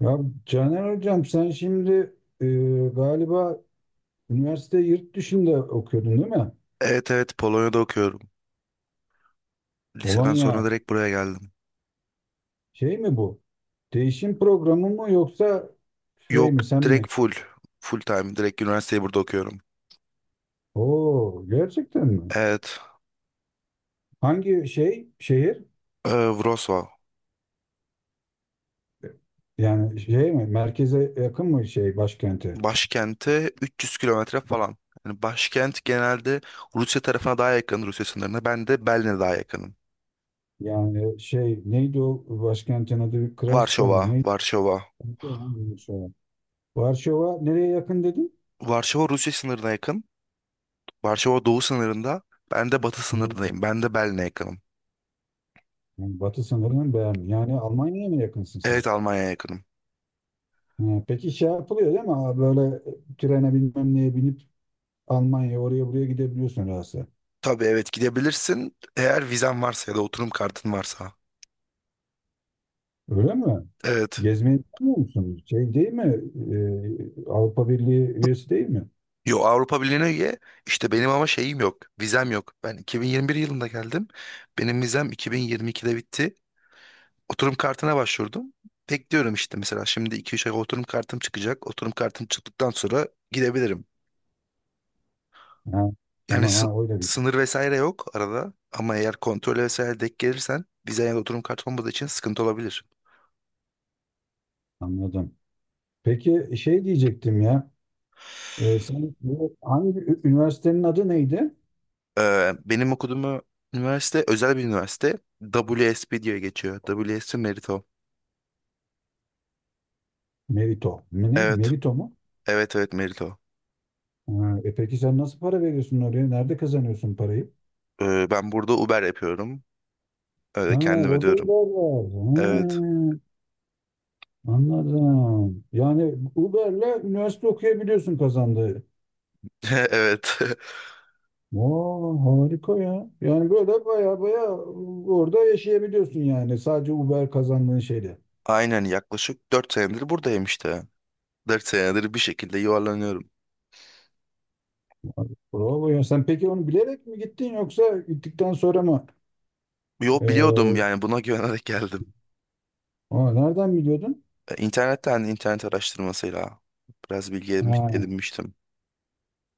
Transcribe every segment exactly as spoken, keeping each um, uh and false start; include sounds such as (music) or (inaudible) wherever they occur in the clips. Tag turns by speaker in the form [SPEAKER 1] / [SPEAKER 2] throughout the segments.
[SPEAKER 1] Ya Caner Hocam, sen şimdi e, galiba üniversite yurt dışında okuyordun, değil mi?
[SPEAKER 2] Evet evet Polonya'da okuyorum. Liseden sonra
[SPEAKER 1] Polonya
[SPEAKER 2] direkt buraya geldim.
[SPEAKER 1] şey mi bu? Değişim programı mı yoksa şey
[SPEAKER 2] Yok,
[SPEAKER 1] mi sen mi?
[SPEAKER 2] direkt full. Full time. Direkt üniversiteyi burada okuyorum.
[SPEAKER 1] Oo, gerçekten mi?
[SPEAKER 2] Evet.
[SPEAKER 1] Hangi şey şehir?
[SPEAKER 2] E, Wrocław.
[SPEAKER 1] Yani şey mi? Merkeze yakın mı şey başkenti?
[SPEAKER 2] Başkente üç yüz kilometre falan. Yani başkent genelde Rusya tarafına daha yakın, Rusya sınırına. Ben de Berlin'e daha yakınım.
[SPEAKER 1] Yani şey neydi o başkentin adı? Krasko
[SPEAKER 2] Varşova.
[SPEAKER 1] mu? Neydi?
[SPEAKER 2] Varşova.
[SPEAKER 1] Varşova. Varşova nereye yakın dedin?
[SPEAKER 2] Varşova Rusya sınırına yakın. Varşova doğu sınırında. Ben de batı
[SPEAKER 1] Hmm,
[SPEAKER 2] sınırındayım. Ben de Berlin'e yakınım.
[SPEAKER 1] Yani batı sınırını beğendim. Yani Almanya'ya mı yakınsın sen?
[SPEAKER 2] Evet, Almanya'ya yakınım.
[SPEAKER 1] Ha, peki şey yapılıyor, değil mi? Ha, böyle trene bilmem neye binip Almanya oraya buraya gidebiliyorsun rahatsız.
[SPEAKER 2] Tabii, evet, gidebilirsin. Eğer vizen varsa ya da oturum kartın varsa.
[SPEAKER 1] Öyle mi?
[SPEAKER 2] Evet.
[SPEAKER 1] Gezmeye gitmiyor musun? Şey, değil mi? Ee, Avrupa Birliği üyesi değil mi?
[SPEAKER 2] Yo, Avrupa Birliği'ne üye. İşte benim ama şeyim yok. Vizem yok. Ben iki bin yirmi bir yılında geldim. Benim vizem iki bin yirmi ikide bitti. Oturum kartına başvurdum. Bekliyorum işte, mesela şimdi iki üç ay oturum kartım çıkacak. Oturum kartım çıktıktan sonra gidebilirim.
[SPEAKER 1] Ha,
[SPEAKER 2] Yani
[SPEAKER 1] tamam,
[SPEAKER 2] sı-
[SPEAKER 1] ha, öyle bir şey.
[SPEAKER 2] sınır vesaire yok arada. Ama eğer kontrol vesaire denk gelirsen vize ya da oturum kartı olmadığı için sıkıntı olabilir.
[SPEAKER 1] Anladım. Peki şey diyecektim ya. Ee, sen bu hangi ü- üniversitenin adı neydi?
[SPEAKER 2] Ee, benim okuduğum üniversite özel bir üniversite. W S P diye geçiyor. W S P Merito.
[SPEAKER 1] Merito. Mi ne?
[SPEAKER 2] Evet.
[SPEAKER 1] Merito mu?
[SPEAKER 2] Evet evet Merito.
[SPEAKER 1] Ha, e peki sen nasıl para veriyorsun oraya? Nerede kazanıyorsun parayı?
[SPEAKER 2] Ee, ben burada Uber yapıyorum.
[SPEAKER 1] Ha,
[SPEAKER 2] Öyle kendim
[SPEAKER 1] orada
[SPEAKER 2] ödüyorum.
[SPEAKER 1] var.
[SPEAKER 2] Evet.
[SPEAKER 1] Ha. Anladım. Yani Uber'le üniversite okuyabiliyorsun kazandığı.
[SPEAKER 2] (laughs) Evet.
[SPEAKER 1] Oo, harika ya. Yani böyle baya baya orada yaşayabiliyorsun yani sadece Uber kazandığın şeyle.
[SPEAKER 2] (laughs) Aynen, yaklaşık dört senedir buradayım işte. Dört senedir bir şekilde yuvarlanıyorum.
[SPEAKER 1] Bravo ya. Sen peki onu bilerek mi gittin yoksa gittikten sonra mı?
[SPEAKER 2] Yo, biliyordum
[SPEAKER 1] Ee,
[SPEAKER 2] yani, buna (laughs) güvenerek geldim.
[SPEAKER 1] aa, Nereden biliyordun?
[SPEAKER 2] E, İnternetten, internet araştırmasıyla biraz bilgi edinmiş-
[SPEAKER 1] Ha,
[SPEAKER 2] edinmiştim.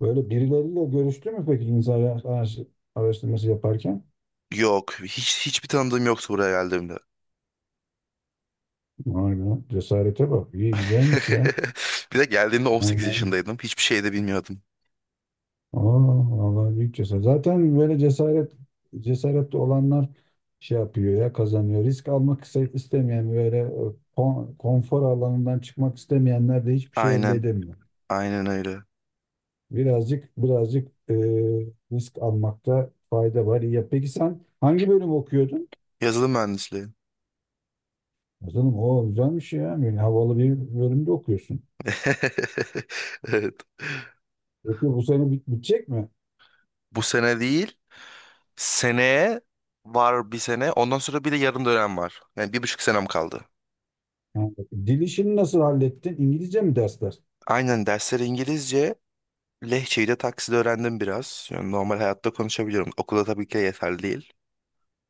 [SPEAKER 1] böyle birileriyle görüştü mü peki insan araş- araştırması yaparken?
[SPEAKER 2] Yok, hiç hiçbir tanıdığım yoktu buraya geldiğimde.
[SPEAKER 1] Vay be, cesarete bak. İyi, güzelmiş ya.
[SPEAKER 2] (laughs) Bir de geldiğimde on sekiz yaşındaydım. Hiçbir şey de bilmiyordum.
[SPEAKER 1] Aa, vallahi büyük cesaret. Zaten böyle cesaret cesaretli olanlar şey yapıyor ya, kazanıyor. Risk almak iste- istemeyen, böyle e, kon- konfor alanından çıkmak istemeyenler de hiçbir şey elde
[SPEAKER 2] Aynen.
[SPEAKER 1] edemiyor.
[SPEAKER 2] Aynen öyle.
[SPEAKER 1] Birazcık birazcık, e, risk almakta fayda var. İyi. Ya peki sen hangi bölüm okuyordun?
[SPEAKER 2] Yazılım mühendisliği.
[SPEAKER 1] Canım, o güzelmiş ya. Yani havalı bir bölümde okuyorsun.
[SPEAKER 2] (laughs) Evet.
[SPEAKER 1] Peki bu sene bit- bitecek mi?
[SPEAKER 2] Bu sene değil. Seneye var bir sene. Ondan sonra bir de yarım dönem var. Yani bir buçuk senem kaldı.
[SPEAKER 1] Yani dil işini nasıl hallettin? İngilizce mi dersler?
[SPEAKER 2] Aynen, dersler İngilizce. Lehçeyi de takside öğrendim biraz. Yani normal hayatta konuşabiliyorum. Okulda tabii ki de yeterli değil.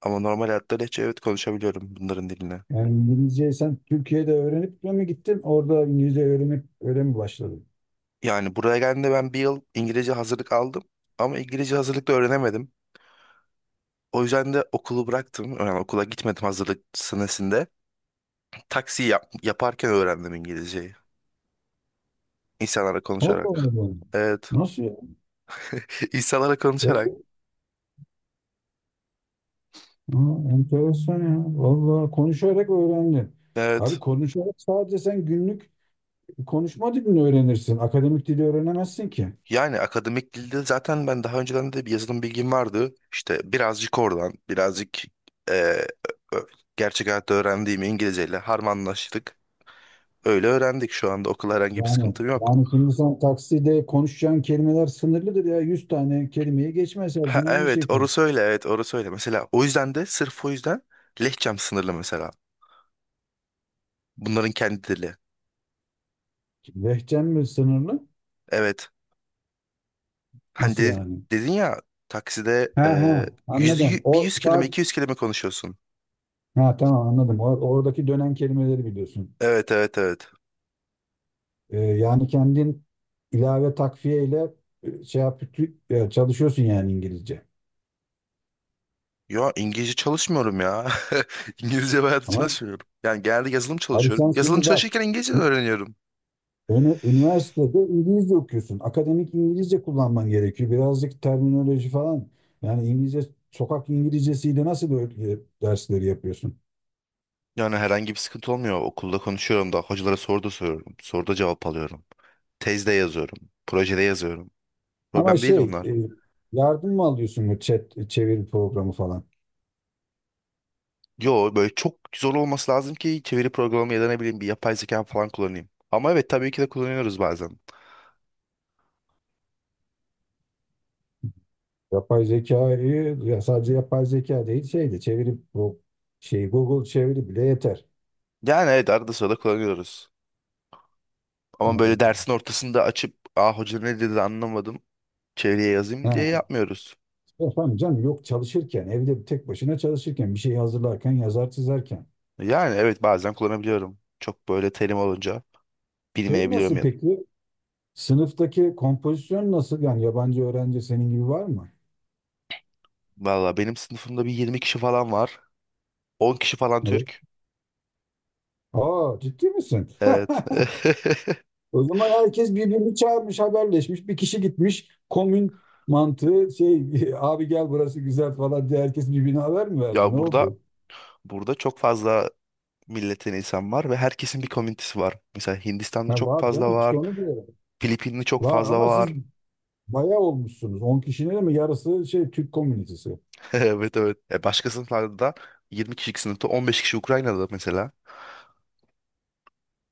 [SPEAKER 2] Ama normal hayatta Lehçe, evet, konuşabiliyorum bunların diline.
[SPEAKER 1] Yani İngilizceyi sen Türkiye'de öğrenip de mi gittin? Orada İngilizce öğrenip öyle mi başladın?
[SPEAKER 2] Yani buraya geldiğimde ben bir yıl İngilizce hazırlık aldım. Ama İngilizce hazırlıkta öğrenemedim. O yüzden de okulu bıraktım. Yani okula gitmedim hazırlık senesinde. Taksi yap- yaparken öğrendim İngilizceyi. İnsanlarla
[SPEAKER 1] O da
[SPEAKER 2] konuşarak.
[SPEAKER 1] olmadı.
[SPEAKER 2] Evet.
[SPEAKER 1] Nasıl ya?
[SPEAKER 2] (laughs) İnsanlarla konuşarak.
[SPEAKER 1] Yok. Aa, enteresan ya. Vallahi konuşarak öğrendin. Abi,
[SPEAKER 2] Evet.
[SPEAKER 1] konuşarak sadece sen günlük konuşma dilini öğrenirsin. Akademik dili öğrenemezsin ki.
[SPEAKER 2] Yani akademik dilde zaten ben daha önceden de bir yazılım bilgim vardı. İşte birazcık oradan, birazcık e, ö- ö- gerçek hayatta öğrendiğim İngilizceyle harmanlaştık. Öyle öğrendik, şu anda okula herhangi bir
[SPEAKER 1] Yani,
[SPEAKER 2] sıkıntım yok.
[SPEAKER 1] yani şimdi sen takside konuşacağın kelimeler sınırlıdır ya. Yüz tane kelimeyi geçmez, her
[SPEAKER 2] Ha,
[SPEAKER 1] gün aynı
[SPEAKER 2] evet
[SPEAKER 1] şey konuş.
[SPEAKER 2] orası öyle, evet orası öyle. Mesela o yüzden de, sırf o yüzden lehçem sınırlı mesela. Bunların kendi dili.
[SPEAKER 1] Lehçen mi sınırlı?
[SPEAKER 2] Evet. Hani
[SPEAKER 1] Nasıl
[SPEAKER 2] de-
[SPEAKER 1] yani?
[SPEAKER 2] dedin ya takside,
[SPEAKER 1] He, he,
[SPEAKER 2] e, yüzde,
[SPEAKER 1] anladım.
[SPEAKER 2] yü- bir
[SPEAKER 1] O
[SPEAKER 2] yüz kelime
[SPEAKER 1] sadece...
[SPEAKER 2] iki yüz kelime konuşuyorsun.
[SPEAKER 1] Ha, tamam, anladım. Or- Oradaki dönen kelimeleri biliyorsun.
[SPEAKER 2] Evet evet evet.
[SPEAKER 1] Ee, yani kendin ilave takviye ile, e, şey yap, tü- e, çalışıyorsun yani İngilizce.
[SPEAKER 2] Ya İngilizce çalışmıyorum ya. (laughs) İngilizce bayağı
[SPEAKER 1] Ama
[SPEAKER 2] çalışmıyorum. Yani genelde yazılım
[SPEAKER 1] abi, sen
[SPEAKER 2] çalışıyorum. Yazılım
[SPEAKER 1] şimdi bak,
[SPEAKER 2] çalışırken İngilizce öğreniyorum.
[SPEAKER 1] ünü- üniversitede İngilizce okuyorsun. Akademik İngilizce kullanman gerekiyor. Birazcık terminoloji falan. Yani İngilizce, sokak İngilizcesiyle nasıl böyle dersleri yapıyorsun?
[SPEAKER 2] Yani herhangi bir sıkıntı olmuyor. Okulda konuşuyorum da hocalara soru da soruyorum. Soruda cevap alıyorum. Tezde yazıyorum. Projede yazıyorum.
[SPEAKER 1] Ama
[SPEAKER 2] Problem değil
[SPEAKER 1] şey,
[SPEAKER 2] onlar.
[SPEAKER 1] e, yardım mı alıyorsun, bu chat çeviri programı falan?
[SPEAKER 2] Yo, böyle çok zor olması lazım ki çeviri programı ya da ne bileyim bir yapay zeka falan kullanayım. Ama evet tabii ki de kullanıyoruz bazen.
[SPEAKER 1] Yapay zekayı ya, sadece yapay zeka değil, şeydi çevirip bu şey Google çeviri bile yeter.
[SPEAKER 2] Yani, evet, arada sırada kullanıyoruz.
[SPEAKER 1] Ha,
[SPEAKER 2] Ama böyle dersin ortasında açıp, aa hoca ne dedi anlamadım, çeviriye yazayım diye
[SPEAKER 1] ha.
[SPEAKER 2] yapmıyoruz.
[SPEAKER 1] Efendim canım, yok, çalışırken evde, bir tek başına çalışırken, bir şey hazırlarken, yazar çizerken.
[SPEAKER 2] Yani evet, bazen kullanabiliyorum. Çok böyle terim olunca
[SPEAKER 1] Şey
[SPEAKER 2] bilmeyebiliyorum
[SPEAKER 1] nasıl
[SPEAKER 2] ya.
[SPEAKER 1] peki, sınıftaki kompozisyon nasıl, yani yabancı öğrenci senin gibi var mı?
[SPEAKER 2] Valla benim sınıfımda bir yirmi kişi falan var. on kişi falan
[SPEAKER 1] Evet.
[SPEAKER 2] Türk.
[SPEAKER 1] Aa, ciddi misin?
[SPEAKER 2] Evet.
[SPEAKER 1] (laughs)
[SPEAKER 2] (laughs)
[SPEAKER 1] O zaman herkes birbirini çağırmış, haberleşmiş, bir kişi gitmiş komün mantığı şey (laughs) abi gel burası güzel falan diye herkes birbirine haber mi verdi, ne
[SPEAKER 2] Ya, burada
[SPEAKER 1] oldu?
[SPEAKER 2] burada çok fazla milletten insan var ve herkesin bir komünitesi var. Mesela Hindistanlı
[SPEAKER 1] Ha,
[SPEAKER 2] çok
[SPEAKER 1] var
[SPEAKER 2] fazla
[SPEAKER 1] canım, işte
[SPEAKER 2] var.
[SPEAKER 1] onu diyorum.
[SPEAKER 2] Filipinli çok
[SPEAKER 1] Var
[SPEAKER 2] fazla
[SPEAKER 1] ama siz
[SPEAKER 2] var.
[SPEAKER 1] bayağı olmuşsunuz. On kişinin mi yarısı şey Türk komünitesi.
[SPEAKER 2] (laughs) Evet evet. E, başka sınıflarda da yirmi kişilik sınıfta on beş kişi Ukrayna'da mesela.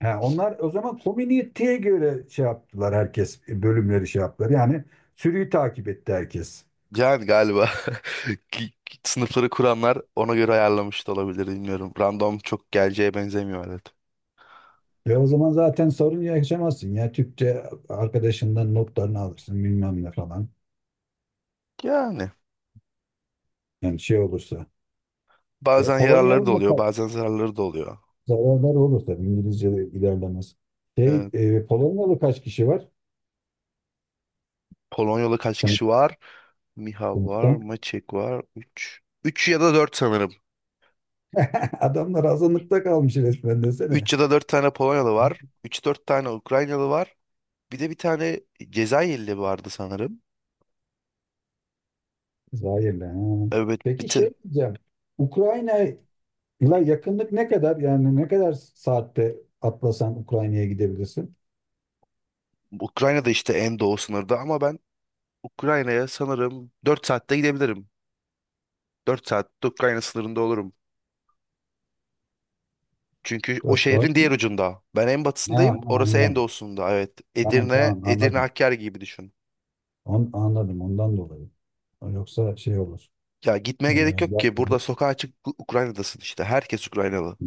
[SPEAKER 1] Ha, onlar o zaman komüniteye göre şey yaptılar, herkes e, bölümleri şey yaptılar. Yani sürüyü takip etti herkes.
[SPEAKER 2] Yani galiba (laughs) ki- ki sınıfları kuranlar ona göre ayarlamış da olabilir, bilmiyorum. Random çok geleceğe benzemiyor, evet.
[SPEAKER 1] Ve o zaman zaten sorun yaşamazsın ya, Türkçe arkadaşından notlarını alırsın bilmem ne falan.
[SPEAKER 2] Yani
[SPEAKER 1] Yani şey olursa. E,
[SPEAKER 2] bazen
[SPEAKER 1] Polonyalı
[SPEAKER 2] yararları da
[SPEAKER 1] mı
[SPEAKER 2] oluyor,
[SPEAKER 1] ka-
[SPEAKER 2] bazen zararları da oluyor.
[SPEAKER 1] zararları olur tabii, İngilizce de ilerlemez. Şey,
[SPEAKER 2] Evet.
[SPEAKER 1] e, Polonyalı kaç kişi var
[SPEAKER 2] Polonyalı kaç
[SPEAKER 1] sen,
[SPEAKER 2] kişi var? Miha var,
[SPEAKER 1] sınıfta?
[SPEAKER 2] Maçek var. Üç, üç ya da dört sanırım.
[SPEAKER 1] (laughs) Adamlar azınlıkta kalmış resmen, desene.
[SPEAKER 2] Üç ya da dört tane Polonyalı var. Üç dört tane Ukraynalı var. Bir de bir tane Cezayirli vardı sanırım.
[SPEAKER 1] Zahirle. Ha.
[SPEAKER 2] Evet, bir
[SPEAKER 1] Peki
[SPEAKER 2] te-
[SPEAKER 1] şey diyeceğim. Ukrayna'yla yakınlık ne kadar? Yani ne kadar saatte atlasan Ukrayna'ya gidebilirsin?
[SPEAKER 2] Ukrayna'da işte, en doğu sınırda, ama ben Ukrayna'ya sanırım dört saatte gidebilirim. Dört saatte Ukrayna sınırında olurum. Çünkü o
[SPEAKER 1] Dört saat
[SPEAKER 2] şehrin diğer
[SPEAKER 1] mi?
[SPEAKER 2] ucunda. Ben en
[SPEAKER 1] Ha, ha,
[SPEAKER 2] batısındayım, orası en
[SPEAKER 1] anladım.
[SPEAKER 2] doğusunda. Evet.
[SPEAKER 1] Tamam,
[SPEAKER 2] Edirne,
[SPEAKER 1] tamam,
[SPEAKER 2] Edirne
[SPEAKER 1] anladım.
[SPEAKER 2] Hakkari gibi düşün.
[SPEAKER 1] On, anladım ondan dolayı. Yoksa şey olur.
[SPEAKER 2] Ya
[SPEAKER 1] Ee,
[SPEAKER 2] gitmeye gerek yok
[SPEAKER 1] ya-
[SPEAKER 2] ki. Burada sokağa çık, Ukrayna'dasın işte. Herkes Ukraynalı.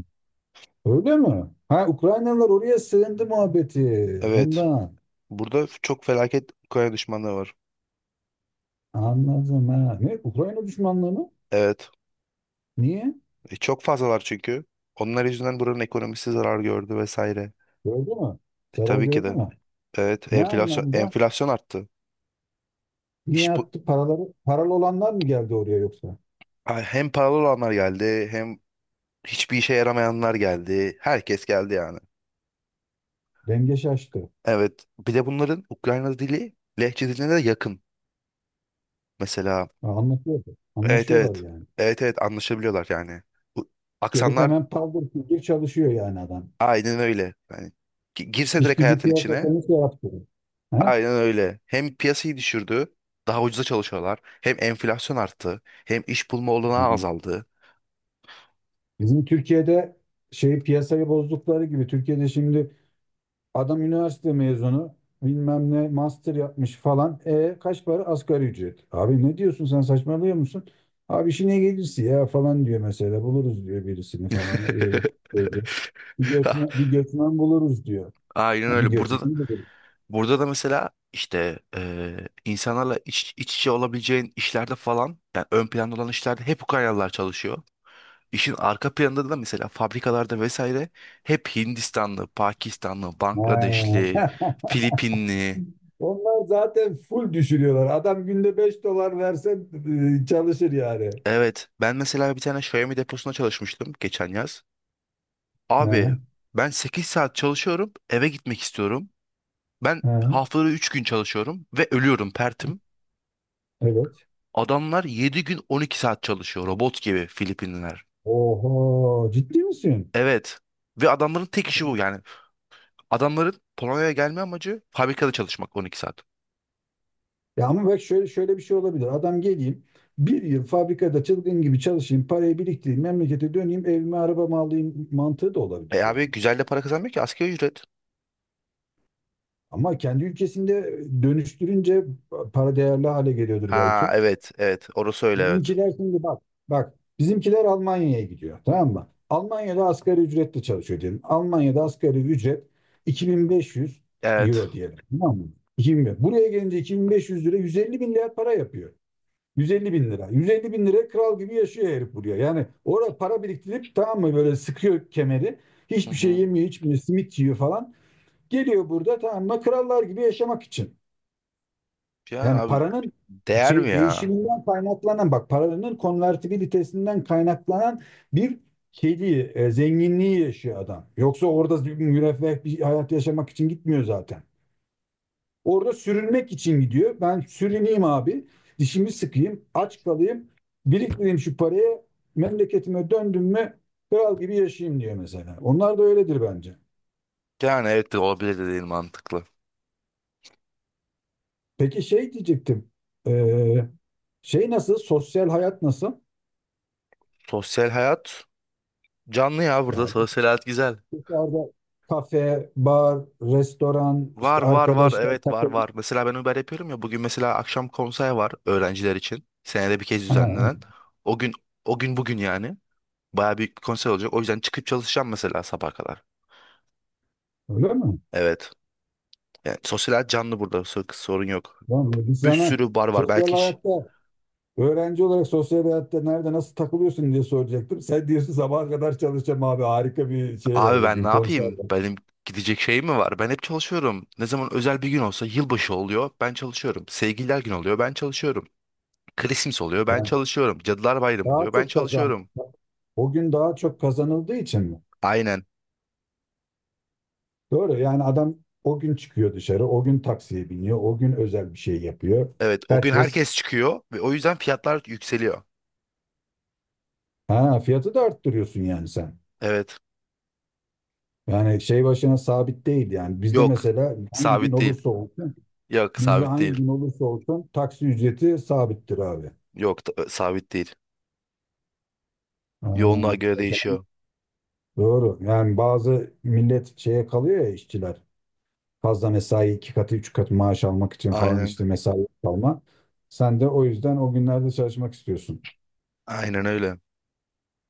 [SPEAKER 1] Öyle mi? Ha, Ukraynalılar oraya sığındı muhabbeti.
[SPEAKER 2] Evet.
[SPEAKER 1] Ondan.
[SPEAKER 2] Burada çok felaket Ukrayna düşmanlığı var.
[SPEAKER 1] Anladım, ha. Ne? Ukrayna düşmanlığı mı?
[SPEAKER 2] Evet.
[SPEAKER 1] Niye?
[SPEAKER 2] E, çok fazlalar çünkü. Onlar yüzünden buranın ekonomisi zarar gördü vesaire.
[SPEAKER 1] Gördü mü?
[SPEAKER 2] E,
[SPEAKER 1] Zarar
[SPEAKER 2] tabii ki
[SPEAKER 1] gördü
[SPEAKER 2] de.
[SPEAKER 1] mü?
[SPEAKER 2] Evet.
[SPEAKER 1] Ne
[SPEAKER 2] Enflasyon,
[SPEAKER 1] anlamda?
[SPEAKER 2] enflasyon arttı.
[SPEAKER 1] Niye
[SPEAKER 2] İş bu.
[SPEAKER 1] attı? Paraları, paralı olanlar mı geldi oraya yoksa?
[SPEAKER 2] Ha, hem paralı olanlar geldi, hem hiçbir işe yaramayanlar geldi. Herkes geldi yani.
[SPEAKER 1] Denge şaştı.
[SPEAKER 2] Evet. Bir de bunların Ukrayna dili Lehçe diline de yakın. Mesela.
[SPEAKER 1] Ha, anlatıyordu.
[SPEAKER 2] Evet
[SPEAKER 1] Anlaşıyorlar
[SPEAKER 2] evet.
[SPEAKER 1] yani.
[SPEAKER 2] Evet evet, anlaşabiliyorlar yani. Bu
[SPEAKER 1] Gelip
[SPEAKER 2] aksanlar.
[SPEAKER 1] hemen paldır küldür çalışıyor yani adam.
[SPEAKER 2] Aynen öyle. Yani gi- girse
[SPEAKER 1] İş
[SPEAKER 2] direkt
[SPEAKER 1] gücü
[SPEAKER 2] hayatın içine.
[SPEAKER 1] piyasasını şey yaptı. He?
[SPEAKER 2] Aynen öyle. Hem piyasayı düşürdü. Daha ucuza çalışıyorlar. Hem enflasyon arttı. Hem iş bulma olanağı
[SPEAKER 1] Yani
[SPEAKER 2] azaldı.
[SPEAKER 1] bizim Türkiye'de şey piyasayı bozdukları gibi Türkiye'de şimdi, adam üniversite mezunu, bilmem ne master yapmış falan. E kaç para? Asgari ücret. Abi ne diyorsun sen, saçmalıyor musun? Abi, işine gelirse ya falan diyor mesela, buluruz diyor birisini falan. E, bu,
[SPEAKER 2] (laughs)
[SPEAKER 1] bu- bu. Bir göçmen, bir göçmen buluruz diyor.
[SPEAKER 2] Aynen
[SPEAKER 1] Ha, bir
[SPEAKER 2] öyle.
[SPEAKER 1] göçmen
[SPEAKER 2] Burada da,
[SPEAKER 1] buluruz.
[SPEAKER 2] burada da mesela işte, eee, insanlarla iç, iç içe olabileceğin işlerde falan, yani ön planda olan işlerde hep Ukraynalılar çalışıyor. İşin arka planında da, mesela fabrikalarda vesaire, hep Hindistanlı, Pakistanlı, Bangladeşli,
[SPEAKER 1] Ha.
[SPEAKER 2] Filipinli.
[SPEAKER 1] (laughs) Onlar zaten full düşürüyorlar. Adam günde beş dolar versen e, çalışır yani.
[SPEAKER 2] Evet. Ben mesela bir tane Xiaomi deposunda çalışmıştım geçen yaz. Abi,
[SPEAKER 1] Ha,
[SPEAKER 2] ben sekiz saat çalışıyorum, eve gitmek istiyorum. Ben
[SPEAKER 1] ha,
[SPEAKER 2] haftada üç gün çalışıyorum ve ölüyorum, pertim.
[SPEAKER 1] evet.
[SPEAKER 2] Adamlar yedi gün on iki saat çalışıyor robot gibi, Filipinliler.
[SPEAKER 1] Oho, ciddi misin?
[SPEAKER 2] Evet. Ve adamların tek işi bu yani. Adamların Polonya'ya gelme amacı fabrikada çalışmak, on iki saat.
[SPEAKER 1] Ya ama bak, şöyle şöyle bir şey olabilir. Adam geleyim bir yıl fabrikada çılgın gibi çalışayım, parayı biriktireyim, memlekete döneyim, evime arabamı alayım mantığı da
[SPEAKER 2] E
[SPEAKER 1] olabilir yani.
[SPEAKER 2] abi, güzel de para kazanmıyor ki, asgari ücret.
[SPEAKER 1] Ama kendi ülkesinde dönüştürünce para değerli hale geliyordur
[SPEAKER 2] Ha,
[SPEAKER 1] belki.
[SPEAKER 2] evet evet, orası öyle, evet.
[SPEAKER 1] Bizimkiler şimdi bak, bak bizimkiler Almanya'ya gidiyor, tamam mı? Almanya'da asgari ücretle çalışıyor diyelim. Almanya'da asgari ücret 2500
[SPEAKER 2] Evet.
[SPEAKER 1] euro diyelim. Tamam mı? iki bin. Buraya gelince iki bin beş yüz lira yüz elli lira para yapıyor. yüz elli bin lira. yüz elli bin lira kral gibi yaşıyor herif buraya. Yani oraya para biriktirip, tamam mı, böyle sıkıyor kemeri.
[SPEAKER 2] Hı
[SPEAKER 1] Hiçbir şey
[SPEAKER 2] hı.
[SPEAKER 1] yemiyor, içmiyor, simit yiyor falan. Geliyor burada, tamam mı, krallar gibi yaşamak için.
[SPEAKER 2] Ya
[SPEAKER 1] Yani
[SPEAKER 2] abi,
[SPEAKER 1] paranın
[SPEAKER 2] değer mi
[SPEAKER 1] şey
[SPEAKER 2] ya?
[SPEAKER 1] değişiminden kaynaklanan, bak, paranın konvertibilitesinden kaynaklanan bir şeyliği, e, zenginliği yaşıyor adam. Yoksa orada bir müreffeh bir hayat yaşamak için gitmiyor zaten. Orada sürünmek için gidiyor. Ben sürüneyim abi. Dişimi sıkayım. Aç kalayım. Biriktireyim şu parayı. Memleketime döndüm mü kral gibi yaşayayım diyor mesela. Onlar da öyledir bence.
[SPEAKER 2] Yani, evet de olabilir, dediğin mantıklı.
[SPEAKER 1] Peki şey diyecektim. Ee, Şey nasıl? Sosyal hayat nasıl?
[SPEAKER 2] Sosyal hayat canlı ya, burada
[SPEAKER 1] Yani
[SPEAKER 2] sosyal hayat güzel.
[SPEAKER 1] dışarıda kafe, bar, restoran,
[SPEAKER 2] Var
[SPEAKER 1] işte
[SPEAKER 2] var var,
[SPEAKER 1] arkadaşlar
[SPEAKER 2] evet, var
[SPEAKER 1] takılın.
[SPEAKER 2] var. Mesela ben Uber yapıyorum ya, bugün mesela akşam konser var öğrenciler için. Senede bir kez
[SPEAKER 1] Ha,
[SPEAKER 2] düzenlenen. O gün o gün bugün yani. Baya büyük bir konser olacak. O yüzden çıkıp çalışacağım, mesela sabah kadar.
[SPEAKER 1] öyle mi?
[SPEAKER 2] Evet. Yani sosyal hayat canlı burada, sor- sorun yok.
[SPEAKER 1] Tamam, biz
[SPEAKER 2] Bir
[SPEAKER 1] sana
[SPEAKER 2] sürü bar var
[SPEAKER 1] sosyal
[SPEAKER 2] belki. ş-
[SPEAKER 1] hayatta öğrenci olarak sosyal hayatta nerede nasıl takılıyorsun diye soracaktım. Sen diyorsun sabaha kadar çalışacağım abi, harika bir şey var
[SPEAKER 2] Abi ben ne
[SPEAKER 1] bugün, konser
[SPEAKER 2] yapayım?
[SPEAKER 1] var.
[SPEAKER 2] Benim gidecek şeyim mi var? Ben hep çalışıyorum. Ne zaman özel bir gün olsa yılbaşı oluyor, ben çalışıyorum. Sevgililer günü oluyor, ben çalışıyorum. Christmas oluyor. Ben
[SPEAKER 1] Yani
[SPEAKER 2] çalışıyorum. Cadılar Bayramı
[SPEAKER 1] daha
[SPEAKER 2] oluyor. Ben
[SPEAKER 1] çok kazan.
[SPEAKER 2] çalışıyorum.
[SPEAKER 1] O gün daha çok kazanıldığı için mi?
[SPEAKER 2] Aynen.
[SPEAKER 1] Doğru, yani adam o gün çıkıyor dışarı, o gün taksiye biniyor, o gün özel bir şey yapıyor.
[SPEAKER 2] Evet. O gün
[SPEAKER 1] Herkes...
[SPEAKER 2] herkes çıkıyor ve o yüzden fiyatlar yükseliyor.
[SPEAKER 1] Ha, fiyatı da arttırıyorsun yani sen.
[SPEAKER 2] Evet.
[SPEAKER 1] Yani şey başına sabit değil yani. Bizde
[SPEAKER 2] Yok.
[SPEAKER 1] mesela hangi gün
[SPEAKER 2] Sabit değil.
[SPEAKER 1] olursa olsun,
[SPEAKER 2] Yok,
[SPEAKER 1] bizde
[SPEAKER 2] sabit
[SPEAKER 1] hangi
[SPEAKER 2] değil.
[SPEAKER 1] gün olursa olsun taksi ücreti sabittir abi.
[SPEAKER 2] Yok, da- sabit değil.
[SPEAKER 1] Ha,
[SPEAKER 2] Yoğunluğa göre değişiyor.
[SPEAKER 1] doğru. Yani bazı millet şeye kalıyor ya, işçiler. Fazla mesai iki katı üç katı maaş almak için falan,
[SPEAKER 2] Aynen.
[SPEAKER 1] işte mesai kalma. Sen de o yüzden o günlerde çalışmak istiyorsun.
[SPEAKER 2] Aynen öyle.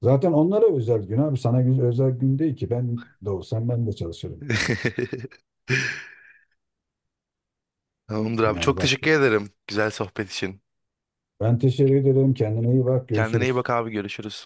[SPEAKER 1] Zaten onlara özel gün abi. Sana gün, özel gün değil ki. Ben de olsam ben de çalışırım.
[SPEAKER 2] (laughs) Tamamdır abi.
[SPEAKER 1] Yani
[SPEAKER 2] Çok
[SPEAKER 1] bak.
[SPEAKER 2] teşekkür ederim güzel sohbet için.
[SPEAKER 1] Ben teşekkür ederim. Kendine iyi bak.
[SPEAKER 2] Kendine iyi
[SPEAKER 1] Görüşürüz.
[SPEAKER 2] bak abi. Görüşürüz.